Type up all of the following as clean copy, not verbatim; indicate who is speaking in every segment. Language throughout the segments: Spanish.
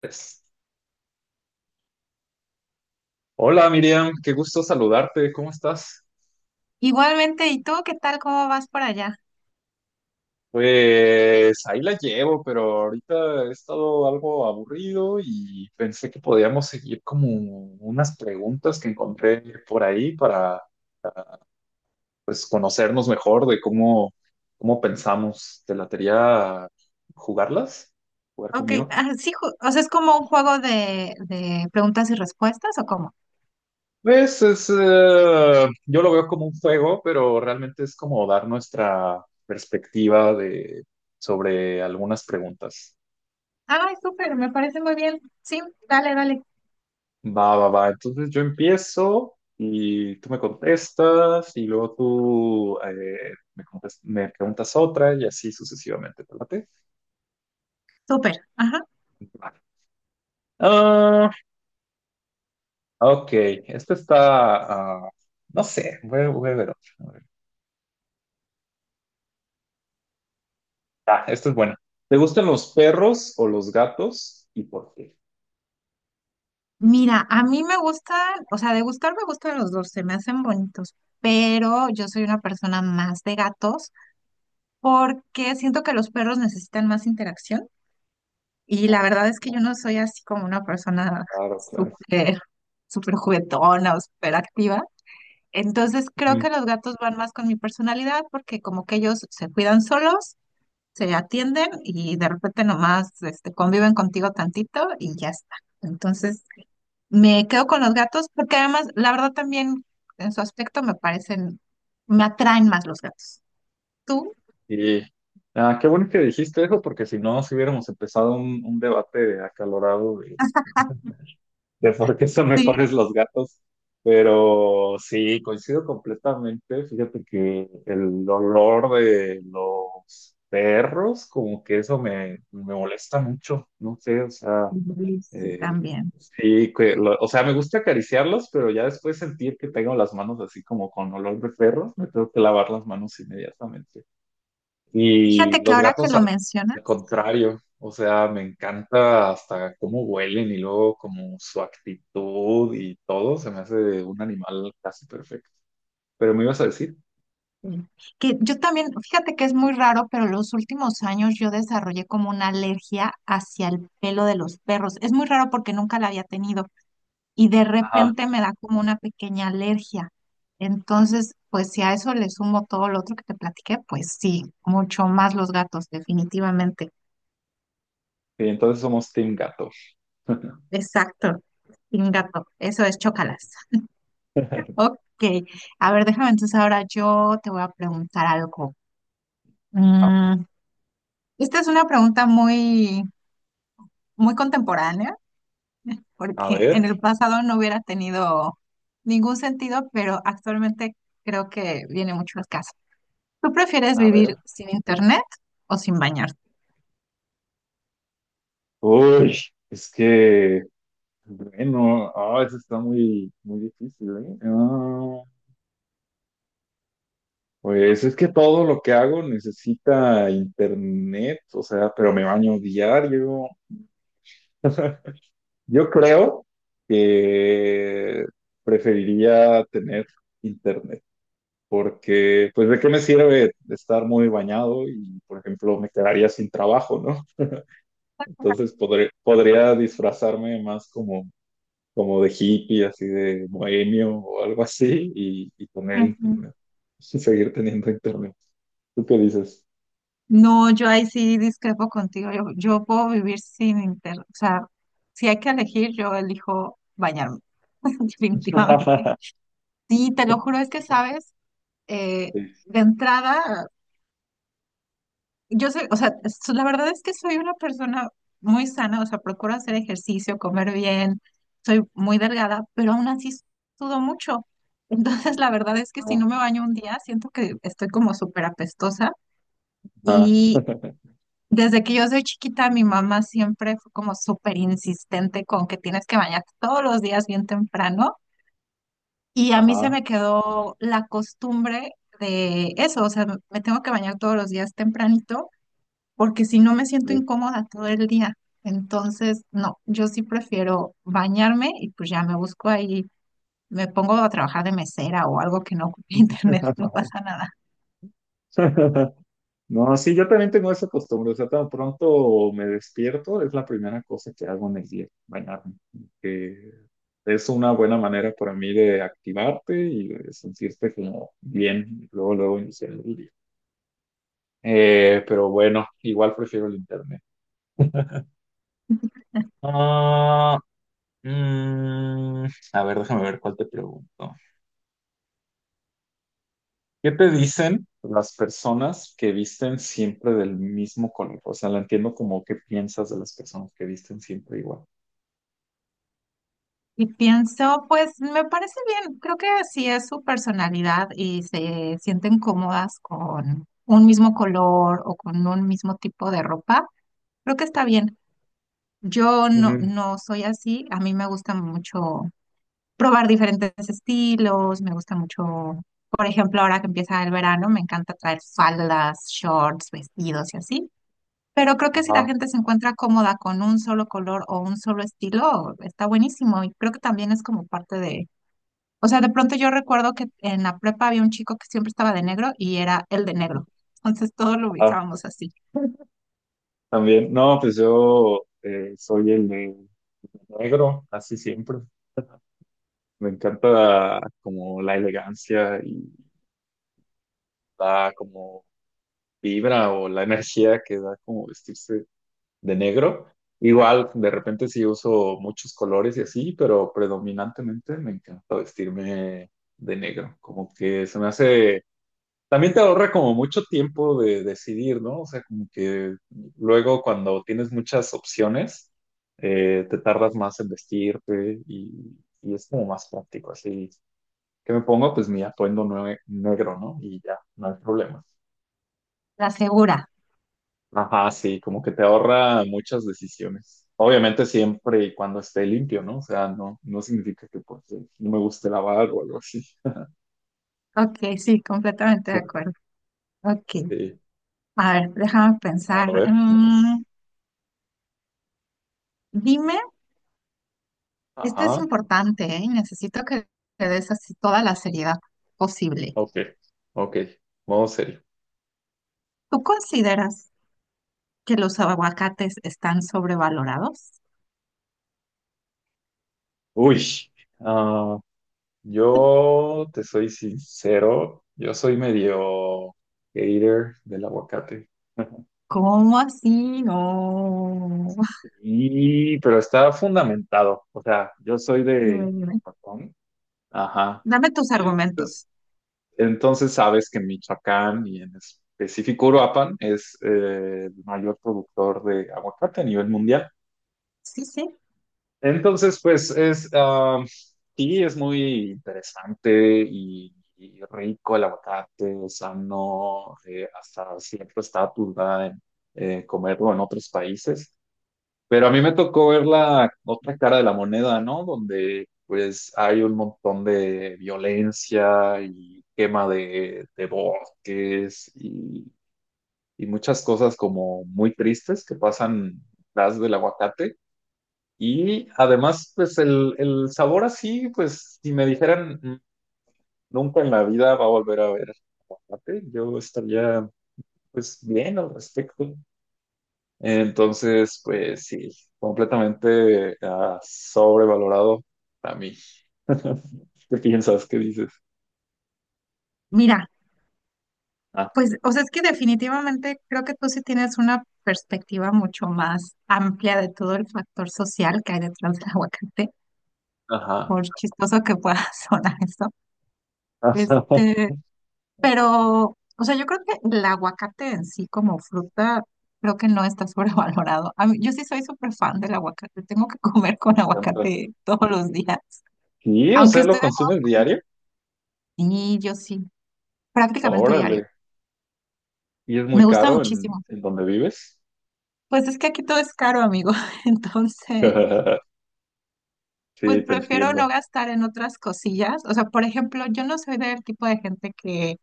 Speaker 1: Pues, Hola, Miriam, qué gusto saludarte. ¿Cómo estás?
Speaker 2: Igualmente, ¿y tú qué tal? ¿Cómo vas por allá?
Speaker 1: Pues ahí la llevo, pero ahorita he estado algo aburrido y pensé que podíamos seguir como unas preguntas que encontré por ahí para conocernos mejor de cómo pensamos. ¿Te latería jugarlas? ¿Jugar
Speaker 2: Ok,
Speaker 1: conmigo?
Speaker 2: sí, o sea, es como un juego de preguntas y respuestas, ¿o cómo?
Speaker 1: Pues es, yo lo veo como un juego, pero realmente es como dar nuestra perspectiva sobre algunas preguntas.
Speaker 2: Ay, súper, me parece muy bien. Sí, dale, dale.
Speaker 1: Va, va, va. Entonces yo empiezo y tú me contestas y luego tú me preguntas otra y así sucesivamente. ¿Te late?
Speaker 2: Súper, ajá.
Speaker 1: Va. Ah, ok. Esto está. No sé, voy a ver otro. A ver. Esto es bueno. ¿Te gustan los perros o los gatos y por qué?
Speaker 2: Mira, a mí me gustan, o sea, de gustar me gustan los dos, se me hacen bonitos, pero yo soy una persona más de gatos porque siento que los perros necesitan más interacción y la verdad es que yo no soy así como una persona
Speaker 1: Claro, claro.
Speaker 2: súper, súper juguetona o súper activa. Entonces creo que
Speaker 1: Ujú.
Speaker 2: los gatos van más con mi personalidad porque como que ellos se cuidan solos, se atienden y de repente nomás este, conviven contigo tantito y ya está. Entonces me quedo con los gatos porque además la verdad también en su aspecto me parecen, me atraen más los gatos. ¿Tú?
Speaker 1: Y Qué bueno que dijiste eso, porque si no, si hubiéramos empezado un debate acalorado de por qué son
Speaker 2: Sí,
Speaker 1: mejores los gatos. Pero sí, coincido completamente. Fíjate que el olor de los perros, como que eso me molesta mucho. No sé, o sea,
Speaker 2: sí,
Speaker 1: eh,
Speaker 2: también.
Speaker 1: sí, o sea, me gusta acariciarlos, pero ya después sentir que tengo las manos así como con olor de perros, me tengo que lavar las manos inmediatamente. Y
Speaker 2: Fíjate que
Speaker 1: los
Speaker 2: ahora que
Speaker 1: gatos
Speaker 2: lo
Speaker 1: al
Speaker 2: mencionas,
Speaker 1: contrario, o sea, me encanta hasta cómo huelen y luego como su actitud y todo, se me hace un animal casi perfecto. Pero me ibas a decir,
Speaker 2: mm. Que yo también, fíjate que es muy raro, pero los últimos años yo desarrollé como una alergia hacia el pelo de los perros. Es muy raro porque nunca la había tenido y de
Speaker 1: ajá,
Speaker 2: repente me da como una pequeña alergia. Entonces, pues si a eso le sumo todo lo otro que te platiqué, pues sí, mucho más los gatos, definitivamente.
Speaker 1: y entonces somos team gato.
Speaker 2: Exacto, sin gato, eso es chócalas. Ok, a ver, déjame entonces ahora yo te voy a preguntar algo. Mm, Esta es una pregunta muy contemporánea,
Speaker 1: A
Speaker 2: porque en
Speaker 1: ver,
Speaker 2: el pasado no hubiera tenido ningún sentido, pero actualmente creo que viene mucho al caso. ¿Tú prefieres
Speaker 1: a
Speaker 2: vivir
Speaker 1: ver.
Speaker 2: sin internet o sin bañarte?
Speaker 1: Uy, es que, bueno, eso está muy, muy difícil, ¿eh? Pues es que todo lo que hago necesita internet, o sea, pero me baño diario. Yo creo que preferiría tener internet, porque pues de qué me sirve estar muy bañado y, por ejemplo, me quedaría sin trabajo, ¿no? Entonces podría disfrazarme más como de hippie, así de bohemio o algo así, y tener
Speaker 2: Ujú.
Speaker 1: internet, y seguir teniendo internet. ¿Tú qué dices?
Speaker 2: No, yo ahí sí discrepo contigo. Yo puedo vivir sin internet. O sea, si hay que elegir, yo elijo bañarme, definitivamente. Sí, te lo juro, es que sabes, Eh,
Speaker 1: Sí.
Speaker 2: de entrada. Yo soy, o sea, la verdad es que soy una persona muy sana, o sea, procuro hacer ejercicio, comer bien, soy muy delgada, pero aún así sudo mucho. Entonces, la verdad es que si no me baño un día, siento que estoy como súper apestosa.
Speaker 1: Ajá.
Speaker 2: Y desde que yo soy chiquita, mi mamá siempre fue como súper insistente con que tienes que bañarte todos los días bien temprano. Y a mí se
Speaker 1: Ajá.
Speaker 2: me quedó la costumbre de eso, o sea, me tengo que bañar todos los días tempranito porque si no me siento
Speaker 1: Sí.
Speaker 2: incómoda todo el día. Entonces, no, yo sí prefiero bañarme y pues ya me busco ahí, me pongo a trabajar de mesera o algo que no ocupe internet, no pasa nada.
Speaker 1: No, sí, yo también tengo esa costumbre, o sea, tan pronto me despierto, es la primera cosa que hago en el día, bañarme, que es una buena manera para mí de activarte y de sentirte como bien, luego, luego iniciar el día. Pero bueno, igual prefiero el internet. Ah, mm, a ver, déjame ver cuál te pregunto. ¿Qué te dicen las personas que visten siempre del mismo color? O sea, la entiendo como qué piensas de las personas que visten siempre igual.
Speaker 2: Y pienso, pues me parece bien, creo que si es su personalidad y se sienten cómodas con un mismo color o con un mismo tipo de ropa, creo que está bien. Yo no,
Speaker 1: Ujú.
Speaker 2: no soy así, a mí me gusta mucho probar diferentes estilos, me gusta mucho, por ejemplo, ahora que empieza el verano, me encanta traer faldas, shorts, vestidos y así. Pero creo que si la
Speaker 1: Ajá,
Speaker 2: gente se encuentra cómoda con un solo color o un solo estilo, está buenísimo. Y creo que también es como parte de, o sea, de pronto yo recuerdo que en la prepa había un chico que siempre estaba de negro y era el de negro. Entonces todos lo
Speaker 1: ajá.
Speaker 2: ubicábamos así.
Speaker 1: También, no, pues yo soy el de negro, así siempre. Me encanta como la elegancia y la como vibra o la energía que da como vestirse de negro. Igual, de repente sí uso muchos colores y así, pero predominantemente me encanta vestirme de negro. Como que se me hace también te ahorra como mucho tiempo de decidir, ¿no? O sea, como que luego cuando tienes muchas opciones, te tardas más en vestirte y es como más práctico. Así que me pongo pues mi atuendo negro, ¿no? Y ya, no hay problema.
Speaker 2: La segura.
Speaker 1: Ajá, sí, como que te ahorra muchas decisiones. Obviamente siempre y cuando esté limpio, ¿no? O sea, no significa que pues, no me guste lavar o algo así.
Speaker 2: Ok, sí, completamente de acuerdo. Ok.
Speaker 1: Sí,
Speaker 2: A ver, déjame
Speaker 1: a
Speaker 2: pensar.
Speaker 1: ver, más.
Speaker 2: Dime. Esto es
Speaker 1: Ajá.
Speaker 2: importante, ¿eh? Y necesito que le des así toda la seriedad posible.
Speaker 1: Ok, ok, modo serio.
Speaker 2: ¿Tú consideras que los aguacates están sobrevalorados?
Speaker 1: Uy, ah, yo te soy sincero, yo soy medio hater del aguacate.
Speaker 2: ¿Cómo así? No.
Speaker 1: Y, pero está fundamentado, o sea, yo soy
Speaker 2: Dime,
Speaker 1: de
Speaker 2: dime.
Speaker 1: Michoacán, ajá.
Speaker 2: Dame tus
Speaker 1: Y
Speaker 2: argumentos.
Speaker 1: entonces sabes que Michoacán y en específico Uruapan es el mayor productor de aguacate a nivel mundial.
Speaker 2: Sí, sí.
Speaker 1: Entonces, pues es, sí, es muy interesante y rico el aguacate, sano, hasta cierto estatus da en comerlo en otros países. Pero a mí me tocó ver la otra cara de la moneda, ¿no? Donde pues hay un montón de violencia y quema de bosques y muchas cosas como muy tristes que pasan detrás del aguacate. Y además, pues el sabor así, pues si me dijeran "Mm, nunca en la vida va a volver a ver aguacate, yo estaría pues bien al respecto". Entonces, pues sí, completamente sobrevalorado para mí. ¿Qué piensas? ¿Qué dices?
Speaker 2: Mira,
Speaker 1: Ah,
Speaker 2: pues, o sea, es que definitivamente creo que tú sí tienes una perspectiva mucho más amplia de todo el factor social que hay detrás del aguacate,
Speaker 1: ajá.
Speaker 2: por chistoso que pueda sonar eso.
Speaker 1: Ajá.
Speaker 2: Este, Pero, o sea, yo creo que el aguacate en sí como fruta, creo que no está sobrevalorado. A mí- yo sí soy súper fan del aguacate. Tengo que comer
Speaker 1: Me
Speaker 2: con
Speaker 1: encanta.
Speaker 2: aguacate todos los días.
Speaker 1: Sí, o
Speaker 2: Aunque
Speaker 1: sea, lo
Speaker 2: estoy de acuerdo.
Speaker 1: consumes diario.
Speaker 2: Sí, yo sí, prácticamente
Speaker 1: Órale.
Speaker 2: diario.
Speaker 1: Y es
Speaker 2: Me
Speaker 1: muy
Speaker 2: gusta
Speaker 1: caro
Speaker 2: muchísimo.
Speaker 1: en donde vives.
Speaker 2: Pues es que aquí todo es caro, amigo. Entonces, pues
Speaker 1: Sí, te
Speaker 2: prefiero no
Speaker 1: entiendo.
Speaker 2: gastar en otras cosillas. O sea, por ejemplo, yo no soy del tipo de gente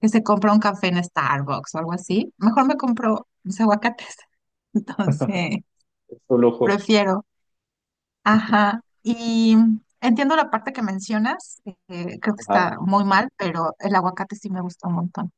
Speaker 2: que se compra un café en Starbucks o algo así. Mejor me compro mis aguacates. Entonces,
Speaker 1: Es un lujo.
Speaker 2: prefiero. Ajá, y entiendo la parte que mencionas, creo que
Speaker 1: Ajá.
Speaker 2: está muy mal, pero el aguacate sí me gusta un montón.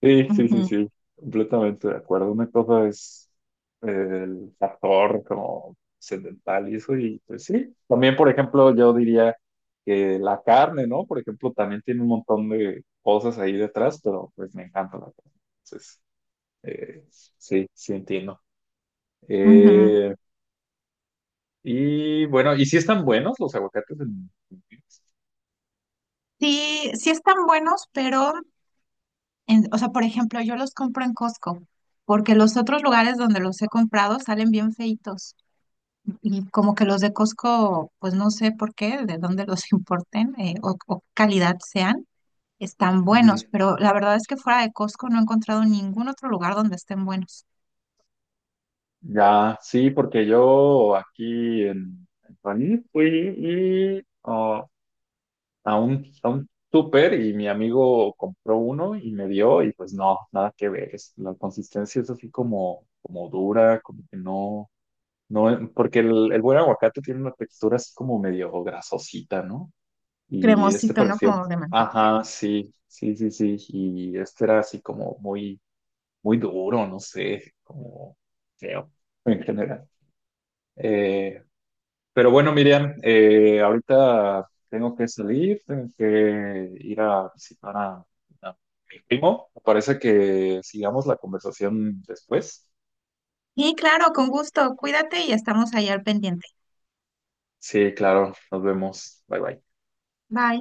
Speaker 1: Sí, sí,
Speaker 2: Ujú,
Speaker 1: sí, sí, completamente de acuerdo. Una cosa es eh, el factor como sedental y eso, y pues sí. También, por ejemplo, yo diría que la carne, ¿no? Por ejemplo, también tiene un montón de cosas ahí detrás, pero pues me encanta la carne. Entonces, eh, sí, sí entiendo.
Speaker 2: ujú.
Speaker 1: Eh, y bueno, ¿y si están buenos los aguacates en...
Speaker 2: Sí, sí están buenos, pero, o sea, por ejemplo, yo los compro en Costco, porque los otros lugares donde los he comprado salen bien feitos, y como que los de Costco, pues no sé por qué, de dónde los importen, o qué calidad sean, están buenos,
Speaker 1: Ujú.
Speaker 2: pero la verdad es que fuera de Costco no he encontrado ningún otro lugar donde estén buenos.
Speaker 1: Ya, sí, porque yo aquí en París fui y, ah, a a un súper y mi amigo compró uno y me dio y pues no, nada que ver. La consistencia es así como, como dura, como que no, no, porque el buen aguacate tiene una textura así como medio grasosita, ¿no? Y este
Speaker 2: Cremosito, ¿no?
Speaker 1: pareció,
Speaker 2: Como de mantequilla.
Speaker 1: ajá, sí, sí, sí, sí, y este era así como muy, muy duro, no sé, como feo en general. Eh, pero bueno, Miriam, ahorita tengo que salir, tengo que ir a visitar a mi primo. Me parece que sigamos la conversación después.
Speaker 2: Y claro, con gusto, cuídate y estamos ahí al pendiente.
Speaker 1: Sí, claro, nos vemos. Bye bye.
Speaker 2: Bye.